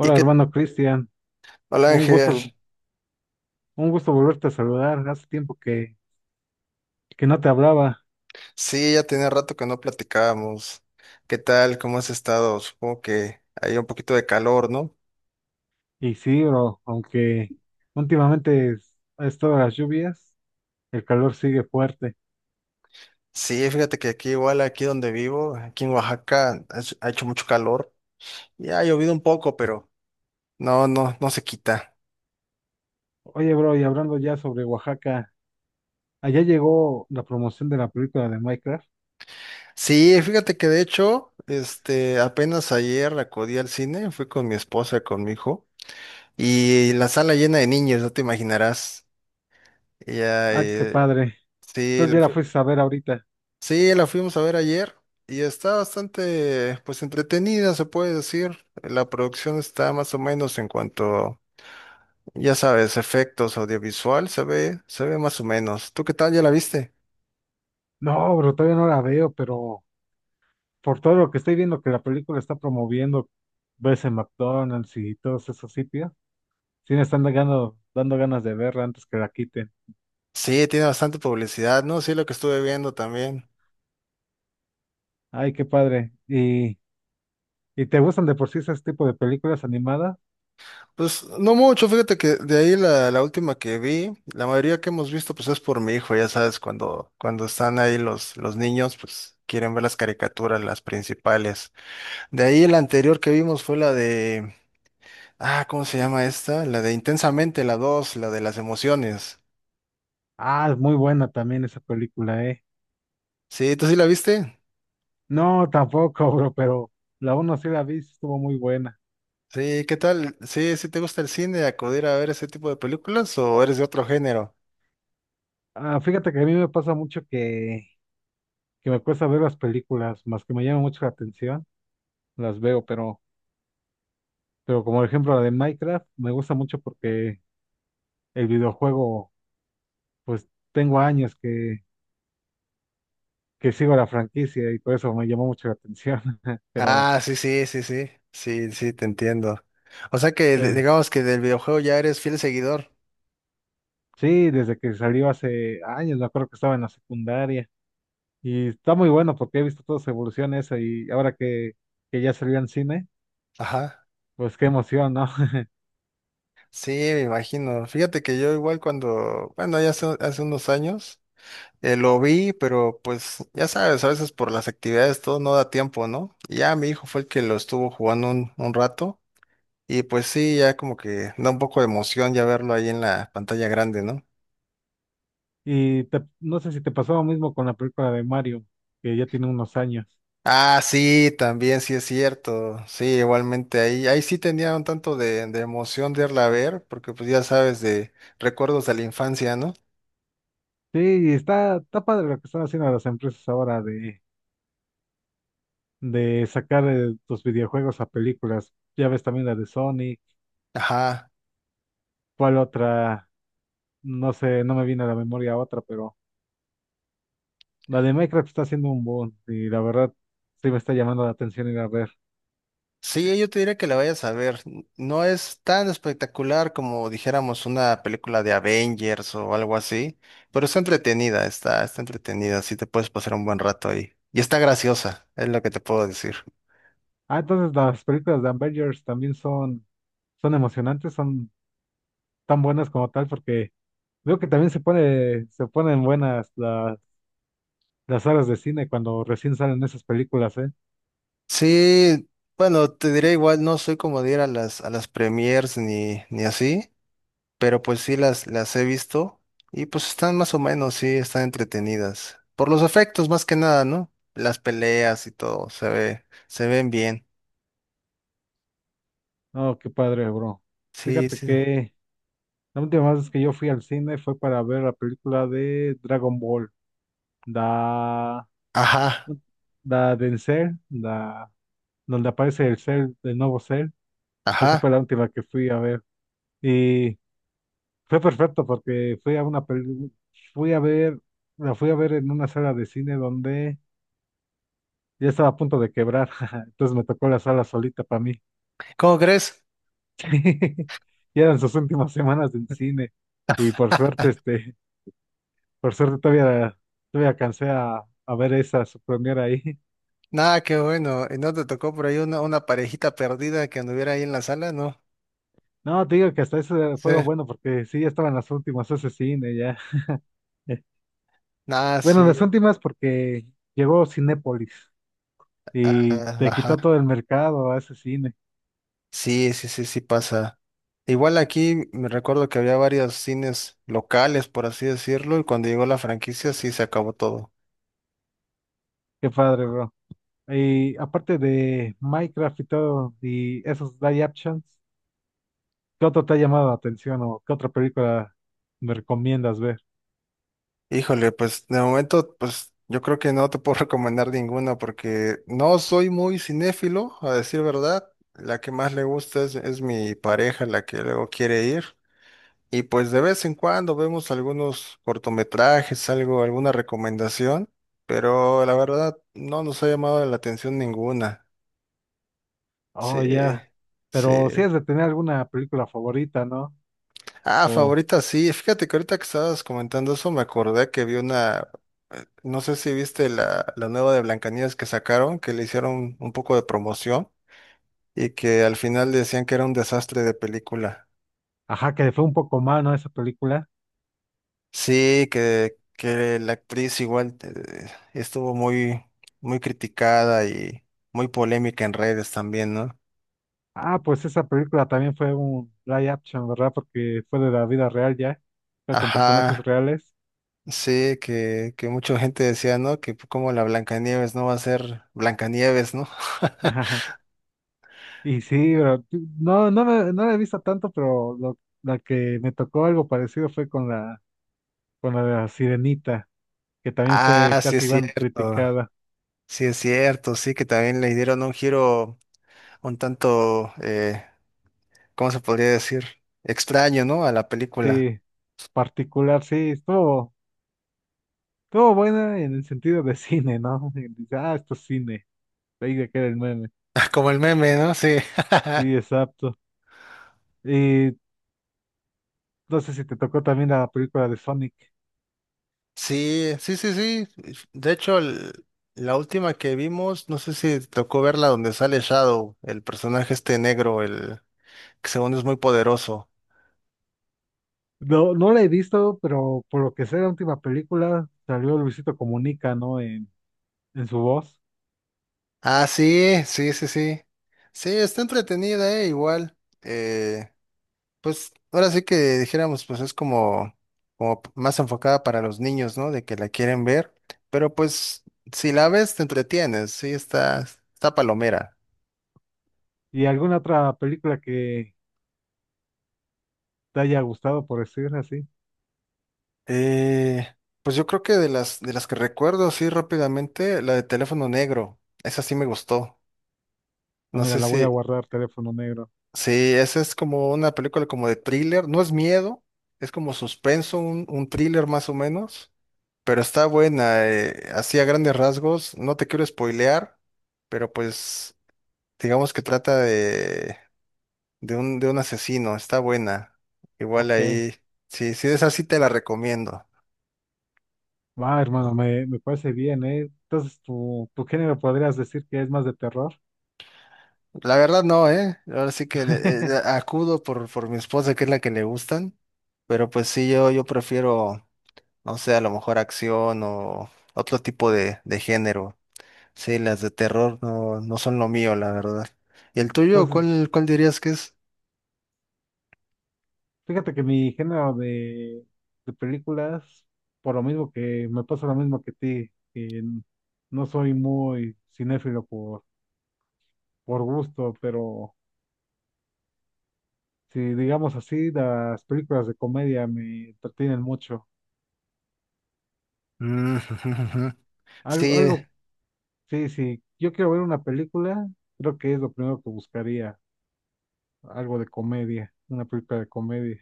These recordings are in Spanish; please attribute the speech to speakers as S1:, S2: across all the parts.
S1: ¿Y qué
S2: hermano Cristian.
S1: tal,
S2: Un
S1: Ángel?
S2: gusto, un gusto volverte a saludar. Hace tiempo que no te hablaba.
S1: Sí, ya tenía rato que no platicábamos. ¿Qué tal? ¿Cómo has estado? Supongo que hay un poquito de calor, ¿no?
S2: Y sí, bro, aunque últimamente ha estado las lluvias, el calor sigue fuerte.
S1: Sí, fíjate que aquí igual, aquí donde vivo, aquí en Oaxaca, ha hecho mucho calor. Ya ha llovido un poco, pero no, no, no se quita.
S2: Oye, bro, y hablando ya sobre Oaxaca, allá llegó la promoción de la película de Minecraft.
S1: Sí, fíjate que de hecho, apenas ayer acudí al cine, fui con mi esposa, con mi hijo, y la sala llena de niños, no te imaginarás. Ya,
S2: Ah, qué padre.
S1: sí.
S2: Entonces ya la fuiste a ver ahorita.
S1: Sí, la fuimos a ver ayer y está bastante, pues, entretenida, se puede decir. La producción está más o menos en cuanto, ya sabes, efectos audiovisual, se ve más o menos. ¿Tú qué tal? ¿Ya la viste?
S2: No, bro, todavía no la veo, pero por todo lo que estoy viendo que la película está promoviendo, ves en McDonald's y todos esos sitios. Sí me están dando ganas de verla antes que la quiten.
S1: Sí, tiene bastante publicidad, ¿no? Sí, lo que estuve viendo también.
S2: Ay, qué padre. Y te gustan de por sí ese tipo de películas animadas?
S1: Pues no mucho, fíjate que de ahí la última que vi, la mayoría que hemos visto pues es por mi hijo, ya sabes, cuando están ahí los niños, pues quieren ver las caricaturas, las principales. De ahí la anterior que vimos fue la de... Ah, ¿cómo se llama esta? La de Intensamente, la 2, la de las emociones.
S2: Ah, es muy buena también esa película, ¿eh?
S1: Sí, ¿tú sí la viste?
S2: No, tampoco, bro, pero la uno sí la vi, sí estuvo muy buena.
S1: Sí, ¿qué tal? Sí, ¿sí te gusta el cine, acudir a ver ese tipo de películas o eres de otro género?
S2: Ah, fíjate que a mí me pasa mucho que me cuesta ver las películas, más que me llama mucho la atención, las veo, pero como por ejemplo la de Minecraft, me gusta mucho porque el videojuego, pues tengo años que sigo la franquicia y por eso me llamó mucho la atención. Pero,
S1: Ah, sí, sí, sí, sí. Sí, sí, te entiendo. O sea que
S2: pero
S1: digamos que del videojuego ya eres fiel seguidor.
S2: sí, desde que salió hace años, me acuerdo que estaba en la secundaria. Y está muy bueno porque he visto toda su evolución esa y ahora que ya salió en cine,
S1: Ajá.
S2: pues qué emoción, ¿no?
S1: Sí, me imagino. Fíjate que yo igual cuando, bueno, ya hace, unos años. Lo vi, pero pues ya sabes, a veces por las actividades todo no da tiempo, ¿no? Y ya mi hijo fue el que lo estuvo jugando un rato y pues sí, ya como que da un poco de emoción ya verlo ahí en la pantalla grande, ¿no?
S2: Y no sé si te pasó lo mismo con la película de Mario, que ya tiene unos años.
S1: Ah, sí, también sí es cierto, sí, igualmente ahí, ahí sí tenía un tanto de emoción de irla a ver, porque pues ya sabes, de recuerdos de la infancia, ¿no?
S2: Sí, y está, está padre lo que están haciendo las empresas ahora de sacar tus videojuegos a películas. Ya ves también la de Sony,
S1: Ajá.
S2: cuál otra. No sé, no me viene a la memoria otra, pero la de Minecraft está haciendo un boom y la verdad sí me está llamando la atención ir a ver.
S1: Sí, yo te diría que la vayas a ver. No es tan espectacular como dijéramos una película de Avengers o algo así, pero está entretenida, está entretenida, sí te puedes pasar un buen rato ahí. Y está graciosa, es lo que te puedo decir.
S2: Ah, entonces las películas de Avengers también son, son emocionantes, son tan buenas como tal, porque veo que también se pone, se ponen buenas las salas de cine cuando recién salen esas películas, ¿eh?
S1: Sí, bueno, te diré igual, no soy como de ir a a las premiers ni así, pero pues sí las he visto y pues están más o menos, sí, están entretenidas. Por los efectos más que nada, ¿no? Las peleas y todo, se ven bien.
S2: Oh, qué padre, bro.
S1: Sí,
S2: Fíjate
S1: sí.
S2: que la última vez que yo fui al cine fue para ver la película de Dragon Ball, da,
S1: Ajá,
S2: da Denzel, da donde aparece el Cell, el nuevo Cell. Esa fue
S1: ajá.
S2: la última que fui a ver. Y fue perfecto porque fui a una fui a ver, la fui a ver en una sala de cine donde ya estaba a punto de quebrar. Entonces me tocó la sala solita para mí.
S1: ¿Cómo crees?
S2: Y eran sus últimas semanas en cine. Y por suerte, este, por suerte todavía, todavía alcancé a ver esa su premiere ahí.
S1: Nada, qué bueno. ¿Y no te tocó por ahí una parejita perdida que anduviera ahí en la sala? ¿No?
S2: No, te digo que hasta eso
S1: Sí.
S2: fue lo bueno porque sí, ya estaban las últimas ese cine ya.
S1: Nada,
S2: Bueno,
S1: sí.
S2: las últimas porque llegó Cinépolis
S1: Ah,
S2: y te
S1: ajá.
S2: quitó todo el mercado a ese cine.
S1: Sí, sí, sí, sí pasa. Igual aquí me recuerdo que había varios cines locales, por así decirlo, y cuando llegó la franquicia sí se acabó todo.
S2: Qué padre, bro. Y aparte de Minecraft y todo, y esos live actions, ¿qué otro te ha llamado la atención o qué otra película me recomiendas ver?
S1: Híjole, pues de momento, pues yo creo que no te puedo recomendar ninguna porque no soy muy cinéfilo, a decir verdad. La que más le gusta es mi pareja, la que luego quiere ir. Y pues de vez en cuando vemos algunos cortometrajes, algo, alguna recomendación, pero la verdad no nos ha llamado la atención ninguna. Sí,
S2: Oh, ya. Pero si
S1: sí.
S2: es de tener alguna película favorita, ¿no?
S1: Ah,
S2: O,
S1: favorita, sí. Fíjate que ahorita que estabas comentando eso, me acordé que vi una, no sé si viste la nueva de Blancanieves que sacaron, que le hicieron un poco de promoción y que al final decían que era un desastre de película.
S2: ajá, que le fue un poco mal, ¿no? Esa película.
S1: Sí, que la actriz igual estuvo muy, muy criticada y muy polémica en redes también, ¿no?
S2: Ah, pues esa película también fue un live action, ¿verdad? Porque fue de la vida real ya. Fue con personajes
S1: Ajá,
S2: reales.
S1: sí, que mucha gente decía, ¿no? Que como la Blancanieves no va a ser Blancanieves, ¿no?
S2: Y sí, pero no, me no la he visto tanto, pero lo, la que me tocó algo parecido fue con la de la Sirenita, que también fue
S1: Ah, sí es
S2: casi igual
S1: cierto,
S2: criticada.
S1: sí es cierto, sí que también le dieron un giro un tanto, ¿cómo se podría decir? Extraño, ¿no? A la película.
S2: Sí, particular, sí, estuvo, estuvo buena en el sentido de cine, ¿no? Y dice, ah, esto es cine, ahí de que era el meme.
S1: Como el meme, ¿no? Sí.
S2: Sí, exacto. Y no sé si te tocó también la película de Sonic.
S1: Sí, sí, sí, sí. De hecho, la última que vimos, no sé si te tocó verla donde sale Shadow, el personaje este negro, el que según es muy poderoso.
S2: No, no la he visto, pero por lo que sé, la última película salió Luisito Comunica, ¿no? En su voz.
S1: Ah, sí, sí, sí, sí. Sí, está entretenida, igual. Pues ahora sí que dijéramos, pues es como, más enfocada para los niños, ¿no? De que la quieren ver, pero pues si la ves te entretienes, sí, está palomera.
S2: ¿Y alguna otra película que, te haya gustado, por decirlo así.
S1: Eh, pues yo creo que de de las que recuerdo así rápidamente, la de Teléfono Negro, esa sí me gustó.
S2: Ah,
S1: No
S2: mira,
S1: sé
S2: la
S1: si...
S2: voy a guardar, teléfono negro.
S1: sí, esa es como una película como de thriller, no es miedo, es como suspenso, un thriller más o menos. Pero está buena, así a grandes rasgos, no te quiero spoilear, pero pues digamos que trata de, de un asesino, está buena. Igual
S2: Ok,
S1: ahí, sí, sí esa sí te la recomiendo.
S2: va, hermano, me parece bien, ¿eh? Entonces, tu género podrías decir que es más de terror.
S1: La verdad no, ¿eh? Ahora sí que acudo por mi esposa, que es la que le gustan, pero pues sí, yo prefiero, no sé, a lo mejor acción o otro tipo de género. Sí, las de terror no, no son lo mío, la verdad. ¿Y el tuyo?
S2: Entonces,
S1: Cuál dirías que es?
S2: fíjate que mi género de películas, por lo mismo que me pasa lo mismo que ti, que no soy muy cinéfilo por gusto, pero si digamos así, las películas de comedia me entretienen mucho.
S1: Mm, ujú, ujú. Sí,
S2: Algo, sí, sí, yo quiero ver una película, creo que es lo primero que buscaría, algo de comedia, una película de comedia.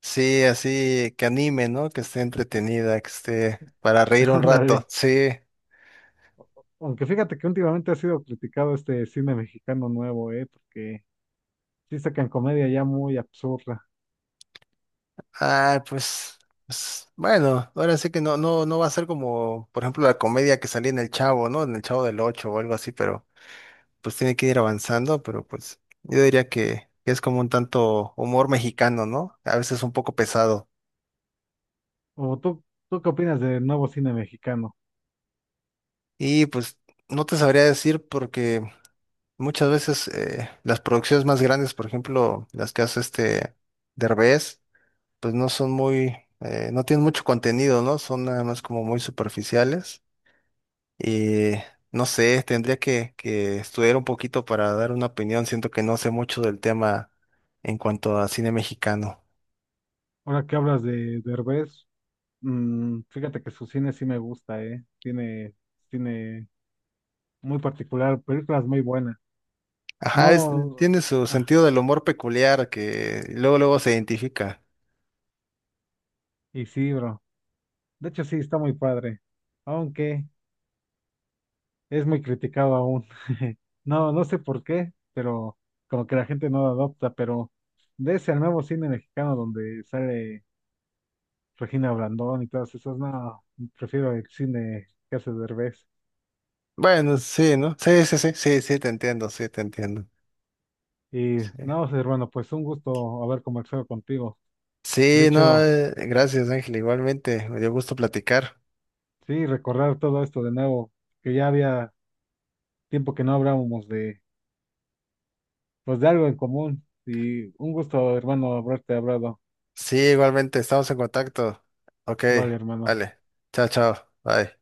S1: sí, así que anime, ¿no? Que esté entretenida, que esté para reír un rato.
S2: Ándale.
S1: Sí.
S2: Aunque fíjate que últimamente ha sido criticado este cine mexicano nuevo, porque sí sacan comedia ya muy absurda.
S1: Ah, pues, pues, bueno, ahora sí que no, no, no va a ser como, por ejemplo, la comedia que salía en El Chavo, ¿no? En El Chavo del Ocho o algo así, pero pues tiene que ir avanzando, pero pues yo diría que es como un tanto humor mexicano, ¿no? A veces un poco pesado.
S2: ¿O tú qué opinas del nuevo cine mexicano?
S1: Y pues no te sabría decir porque muchas veces las producciones más grandes, por ejemplo, las que hace este Derbez, pues no son muy, no tienen mucho contenido, ¿no? Son nada más como muy superficiales. Y no sé, tendría que estudiar un poquito para dar una opinión. Siento que no sé mucho del tema en cuanto a cine mexicano.
S2: Ahora que hablas de Derbez, mm, fíjate que su cine sí me gusta, eh. Tiene cine muy particular, películas muy buenas.
S1: Ajá,
S2: No,
S1: tiene su
S2: ah,
S1: sentido del humor peculiar que luego luego se identifica.
S2: y sí, bro. De hecho, sí, está muy padre, aunque es muy criticado aún. No, no sé por qué, pero como que la gente no lo adopta, pero de ese al nuevo cine mexicano donde sale Regina Blandón y todas esas, no, prefiero el cine que hace Derbez.
S1: Bueno, sí, ¿no? Sí, sí, sí, sí, sí, te entiendo, sí, te entiendo.
S2: Y
S1: Sí.
S2: no, sé, hermano, pues un gusto haber conversado contigo. De
S1: Sí, no,
S2: hecho,
S1: gracias Ángel, igualmente, me dio gusto platicar.
S2: sí, recordar todo esto de nuevo, que ya había tiempo que no hablábamos de, pues de algo en común. Y un gusto, hermano, haberte hablado.
S1: Sí, igualmente, estamos en contacto. Ok,
S2: Vale, hermano.
S1: vale, chao, chao, bye.